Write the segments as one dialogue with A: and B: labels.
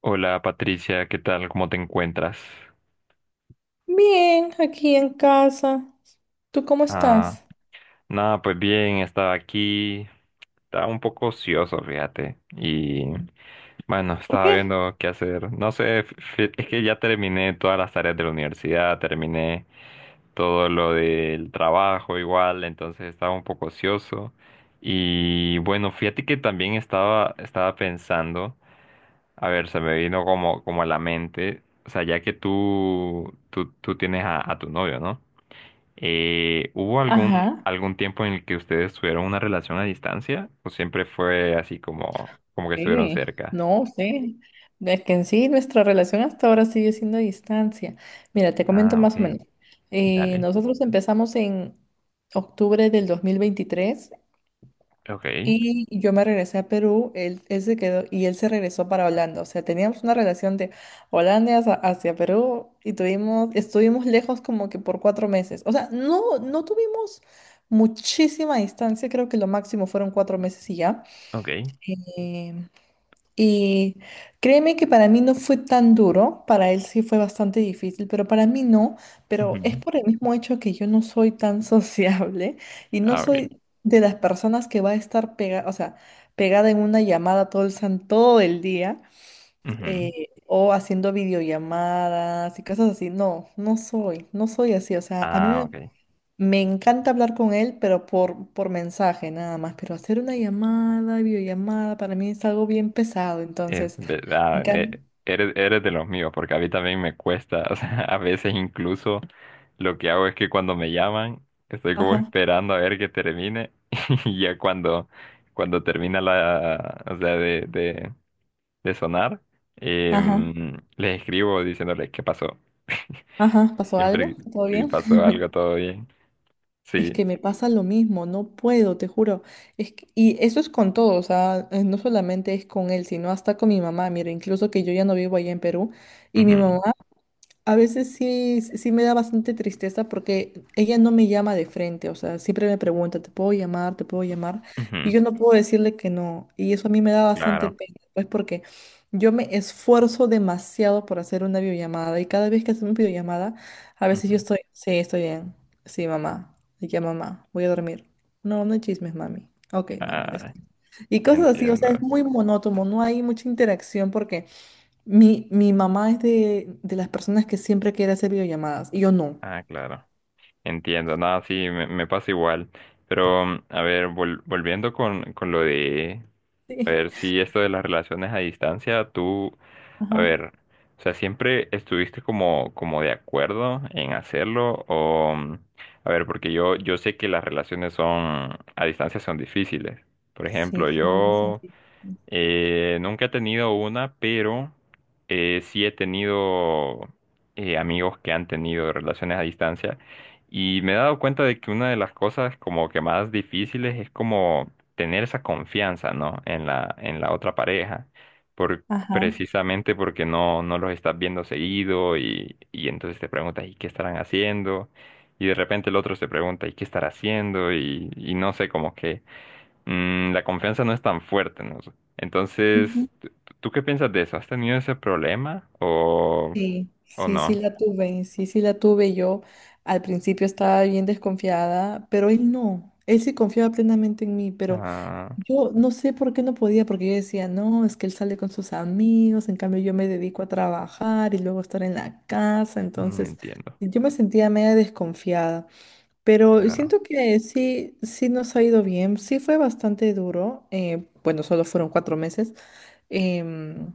A: Hola Patricia, ¿qué tal? ¿Cómo te encuentras?
B: Bien, aquí en casa. ¿Tú cómo
A: Ah,
B: estás?
A: nada, pues bien, estaba aquí, estaba un poco ocioso, fíjate, y bueno,
B: ¿Por
A: estaba
B: qué?
A: viendo qué hacer. No sé, es que ya terminé todas las tareas de la universidad, terminé todo lo del trabajo igual, entonces estaba un poco ocioso. Y bueno, fíjate que también estaba pensando, a ver, se me vino como, como a la mente, o sea, ya que tú tienes a tu novio, ¿no? ¿Hubo
B: Ajá,
A: algún tiempo en el que ustedes tuvieron una relación a distancia? ¿O siempre fue así como, como que estuvieron
B: sí,
A: cerca?
B: no sé. Es que en sí nuestra relación hasta ahora sigue siendo a distancia. Mira, te comento
A: Ah,
B: más o
A: ok.
B: menos.
A: Dale.
B: Nosotros empezamos en octubre del 2023.
A: Ok,
B: Y yo me regresé a Perú, él se quedó y él se regresó para Holanda. O sea, teníamos una relación de Holanda hacia Perú y estuvimos lejos como que por 4 meses. O sea, no tuvimos muchísima distancia, creo que lo máximo fueron 4 meses y ya.
A: ok.
B: Eh, y créeme que para mí no fue tan duro, para él sí fue bastante difícil, pero para mí no, pero es
A: Ujú.
B: por el mismo hecho que yo no soy tan sociable y no
A: Ah, ok.
B: soy de las personas que va a estar pegada, o sea, pegada en una llamada todo el día
A: Ujú.
B: o haciendo videollamadas y cosas así. No soy, no soy así, o sea,
A: Ah, ok.
B: me encanta hablar con él, pero por mensaje nada más, pero hacer una llamada, videollamada, para mí es algo bien pesado,
A: Eh,
B: entonces...
A: ve-
B: En
A: ah,
B: cambio,
A: eh, eres de los míos, porque a mí también me cuesta. O sea, a veces incluso lo que hago es que cuando me llaman, estoy como
B: ajá,
A: esperando a ver que termine. Y ya cuando, cuando termina la, o sea, de sonar,
B: ajá,
A: les escribo diciéndoles qué pasó.
B: ajá, ¿pasó
A: Siempre
B: algo? ¿Todo
A: si
B: bien?
A: pasó algo, todo bien.
B: Es
A: Sí.
B: que me pasa lo mismo, no puedo, te juro. Es que- y Eso es con todo, o sea, no solamente es con él, sino hasta con mi mamá. Mira, incluso que yo ya no vivo allá en Perú y mi
A: Ujú,
B: mamá a veces sí, sí me da bastante tristeza porque ella no me llama de frente, o sea, siempre me pregunta, ¿te puedo llamar? ¿Te puedo llamar? Y
A: ujú,
B: yo no puedo decirle que no. Y eso a mí me da bastante
A: claro,
B: pena, pues porque yo me esfuerzo demasiado por hacer una videollamada y cada vez que hacemos videollamada, a veces yo
A: ujú.
B: estoy, sí, estoy bien, sí, mamá, y ya mamá, voy a dormir. No, no hay chismes, mami. Ok, mami,
A: Ah,
B: descansa. Y cosas así, o
A: entiendo.
B: sea, es muy monótono, no hay mucha interacción porque... Mi mamá es de las personas que siempre quiere hacer videollamadas y yo no.
A: Ah, claro. Entiendo, nada, sí, me pasa igual. Pero, mm, a ver, volviendo con lo de, a
B: Sí.
A: ver, si esto de las relaciones a distancia, tú, a
B: Ajá.
A: ver, o sea, ¿siempre estuviste como, como de acuerdo en hacerlo? O, mm, a ver, porque yo sé que las relaciones son, a distancia son difíciles. Por
B: Sí,
A: ejemplo,
B: como más
A: yo…
B: antiguo.
A: Nunca he tenido una, pero sí he tenido amigos que han tenido relaciones a distancia y me he dado cuenta de que una de las cosas como que más difíciles es como tener esa confianza, ¿no? En la otra pareja, por,
B: Ajá.
A: precisamente porque no, no los estás viendo seguido y entonces te preguntas, ¿y qué estarán haciendo? Y de repente el otro se pregunta, ¿y qué estará haciendo? Y no sé, como que mm, la confianza no es tan fuerte, ¿no?
B: Ujú.
A: Entonces, ¿tú qué piensas de eso? ¿Has tenido ese problema
B: Sí,
A: o
B: sí, sí
A: no?
B: la tuve, sí, sí la tuve. Yo al principio estaba bien desconfiada, pero él no. Él sí confiaba plenamente en mí, pero
A: Ah,
B: yo no sé por qué no podía, porque yo decía, no, es que él sale con sus amigos, en cambio yo me dedico a trabajar y luego estar en la casa,
A: mm,
B: entonces
A: entiendo,
B: yo me sentía media desconfiada. Pero
A: claro.
B: siento que sí, sí nos ha ido bien, sí fue bastante duro, bueno, solo fueron 4 meses, em,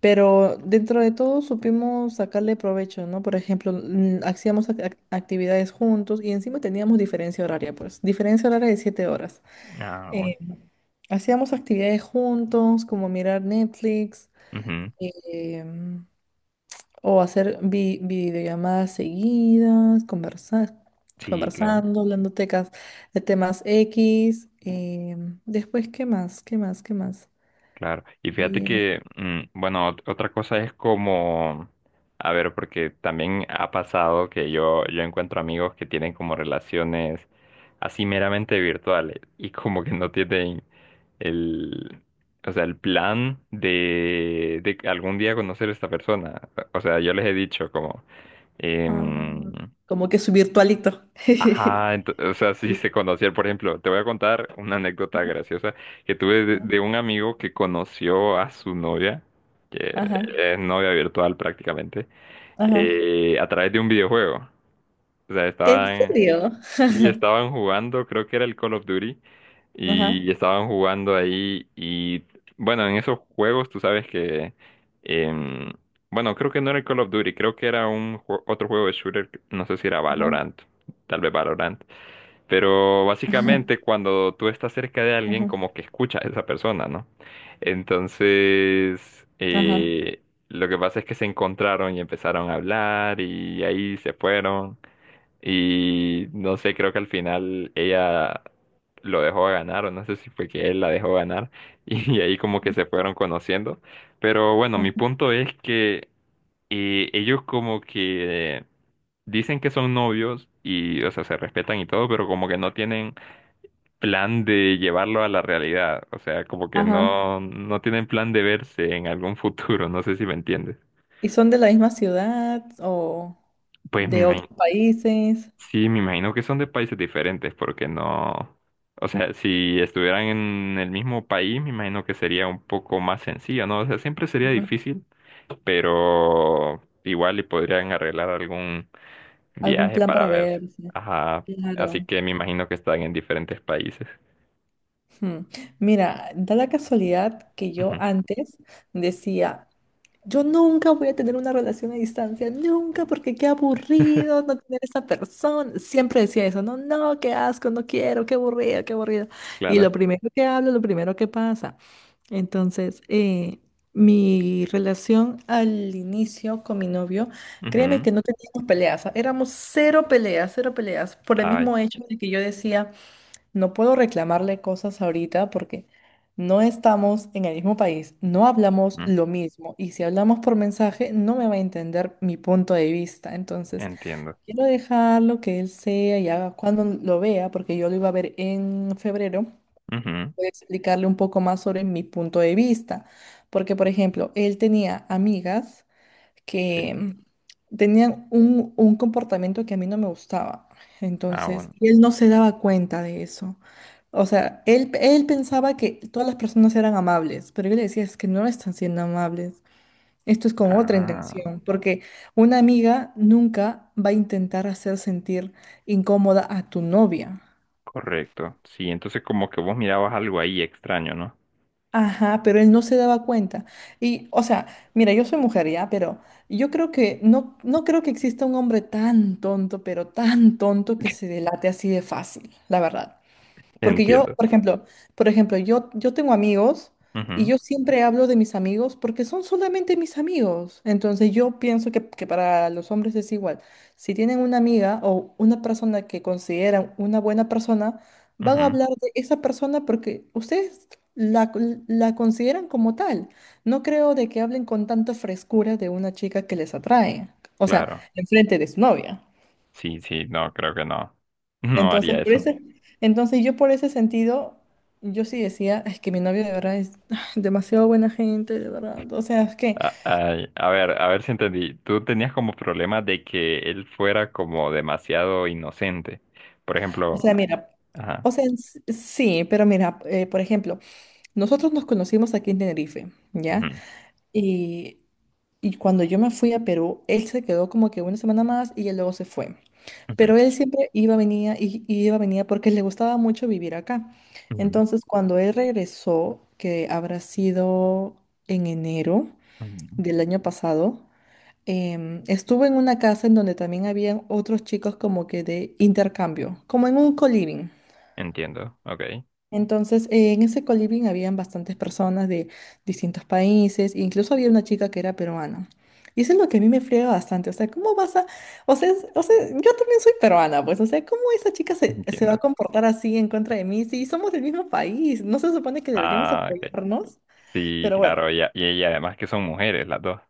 B: pero dentro de todo supimos sacarle provecho, ¿no? Por ejemplo, hacíamos actividades juntos y encima teníamos diferencia horaria, pues, diferencia horaria de 7 horas.
A: Ah, bueno.
B: Eh, hacíamos actividades juntos, como mirar Netflix.
A: Ujú,
B: em, O hacer videollamadas seguidas,
A: sí, claro,
B: conversando, hablando tecas de temas X. Después, ¿qué más? ¿Qué más? ¿Qué más?
A: claro. Y fíjate
B: Eh,
A: que, mm, bueno, otra cosa es como, a ver, porque también ha pasado que yo encuentro amigos que tienen como relaciones así meramente virtuales y como que no tienen el, o sea, el plan de que algún día conocer a esta persona. O sea, yo les he dicho como, em,
B: ah, como que su virtualito.
A: ajá, o sea, si
B: Sí.
A: se conocían, por ejemplo, te voy a contar una anécdota graciosa que tuve de un amigo que conoció a su novia, que
B: Ajá,
A: es novia virtual prácticamente,
B: ajá.
A: a través de un videojuego. O sea,
B: ¿En
A: estaban
B: serio?
A: y estaban jugando, creo que era el Call of Duty, y
B: Ajá,
A: estaban jugando ahí y bueno, en esos juegos tú sabes que, em, bueno, creo que no era el Call of Duty, creo que era un otro juego de shooter, no sé si era
B: ajá,
A: Valorant, tal vez Valorant, pero
B: ajá,
A: básicamente cuando tú estás cerca de alguien
B: ajá,
A: como que escuchas a esa persona, ¿no? Entonces,
B: ajá,
A: lo que pasa es que se encontraron y empezaron a hablar y ahí se fueron. Y no sé, creo que al final ella lo dejó ganar, o no sé si fue que él la dejó ganar, y ahí como que se fueron conociendo. Pero bueno, mi
B: ajá.
A: punto es que ellos como que dicen que son novios y, o sea, se respetan y todo, pero como que no tienen plan de llevarlo a la realidad, o sea, como que
B: Ajá.
A: no, no tienen plan de verse en algún futuro, no sé si me entiendes.
B: ¿Y son de la misma ciudad o
A: Pues me
B: de
A: imagino.
B: otros países?
A: Sí, me imagino que son de países diferentes, porque no, o sea, si estuvieran en el mismo país, me imagino que sería un poco más sencillo, ¿no? O sea, siempre sería
B: Ajá.
A: difícil, pero igual y podrían arreglar algún
B: ¿Algún
A: viaje
B: plan
A: para
B: para
A: ver.
B: verse?
A: Ajá, así
B: Claro.
A: que me imagino que están en diferentes países.
B: Hmm. Mira, da la casualidad que yo
A: Ujú.
B: antes decía, yo nunca voy a tener una relación a distancia, nunca, porque qué aburrido no tener esa persona. Siempre decía eso, no, no, qué asco, no quiero, qué aburrido, qué aburrido. Y lo
A: Claro.
B: primero que hablo, lo primero que pasa. Entonces, mi relación al inicio con mi novio, créeme
A: Ujú.
B: que no teníamos peleas, o sea, éramos cero peleas, por el
A: Ay,
B: mismo hecho de que yo decía... No puedo reclamarle cosas ahorita porque no estamos en el mismo país, no hablamos
A: mm,
B: lo mismo y si hablamos por mensaje no me va a entender mi punto de vista. Entonces,
A: entiendo.
B: quiero dejarlo que él sea y haga cuando lo vea, porque yo lo iba a ver en febrero,
A: Ujú,
B: voy a explicarle un poco más sobre mi punto de vista. Porque, por ejemplo, él tenía amigas
A: sí.
B: que tenían un comportamiento que a mí no me gustaba.
A: Ah,
B: Entonces,
A: bueno.
B: y él no se daba cuenta de eso. O sea, él pensaba que todas las personas eran amables, pero yo le decía, es que no están siendo amables. Esto es con otra
A: Ah,
B: intención, porque una amiga nunca va a intentar hacer sentir incómoda a tu novia.
A: correcto. Sí, entonces como que vos mirabas algo ahí extraño, ¿no?
B: Ajá, pero él no se daba cuenta. Y, o sea, mira, yo soy mujer ya, pero yo creo que no, no creo que exista un hombre tan tonto, pero tan tonto que se delate así de fácil, la verdad. Porque yo,
A: Entiendo.
B: por ejemplo, yo, tengo amigos y
A: Ujú,
B: yo siempre hablo de mis amigos porque son solamente mis amigos. Entonces yo pienso que para los hombres es igual. Si tienen una amiga o una persona que consideran una buena persona, van a
A: ujú,
B: hablar de esa persona porque ustedes la, la consideran como tal. No creo de que hablen con tanta frescura de una chica que les atrae. O sea,
A: claro.
B: enfrente de su novia.
A: Sí, sí, no, creo que no. No
B: Entonces,
A: haría
B: por
A: eso.
B: ese, entonces yo por ese sentido, yo sí decía, es que mi novio de verdad es ah, demasiado buena gente, de verdad. O sea, es que,
A: A, ay, a ver si entendí. Tú tenías como problema de que él fuera como demasiado inocente. Por
B: o
A: ejemplo,
B: sea, mira,
A: ajá.
B: o sea, sí, pero mira, por ejemplo, nosotros nos conocimos aquí en Tenerife, ¿ya?
A: Ujú,
B: Y, y cuando yo me fui a Perú, él se quedó como que una semana más y él luego se fue.
A: ujú,
B: Pero él siempre iba, venía, y iba, venía porque le gustaba mucho vivir acá.
A: ujú,
B: Entonces, cuando él regresó, que habrá sido en enero,
A: ujú.
B: del año pasado, estuve en una casa en donde también habían otros chicos como que de intercambio, como en un co-living.
A: Entiendo, ok,
B: Entonces, en ese co-living habían bastantes personas de distintos países, incluso había una chica que era peruana. Y eso es lo que a mí me friega bastante, o sea, ¿cómo vas a...? O sea, o sea, yo también soy peruana, pues, o sea, ¿cómo esa chica se va a
A: entiendo.
B: comportar así en contra de mí si somos del mismo país? ¿No se supone que deberíamos
A: Ah, ok.
B: apoyarnos?
A: Sí,
B: Pero bueno.
A: claro, y, y además que son mujeres las dos.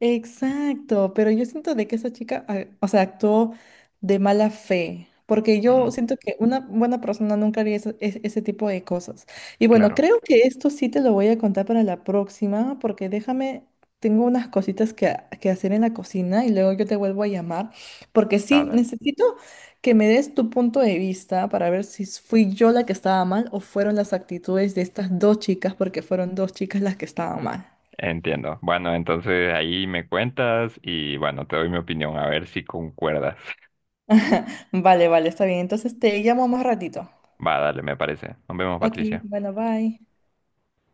B: Exacto, pero yo siento de que esa chica, ah, o sea, actuó de mala fe, porque yo
A: Mm,
B: siento que una buena persona nunca haría ese tipo de cosas. Y bueno,
A: claro.
B: creo que esto sí te lo voy a contar para la próxima, porque déjame, tengo unas cositas que hacer en la cocina y luego yo te vuelvo a llamar, porque
A: Ah,
B: sí,
A: dale.
B: necesito que me des tu punto de vista para ver si fui yo la que estaba mal o fueron las actitudes de estas dos chicas, porque fueron dos chicas las que estaban mal.
A: Entiendo. Bueno, entonces ahí me cuentas y bueno, te doy mi opinión a ver si concuerdas.
B: Vale, vale, está bien. Entonces te llamo más ratito.
A: Va, dale, me parece. Nos vemos,
B: Ok,
A: Patricia.
B: bueno, bye.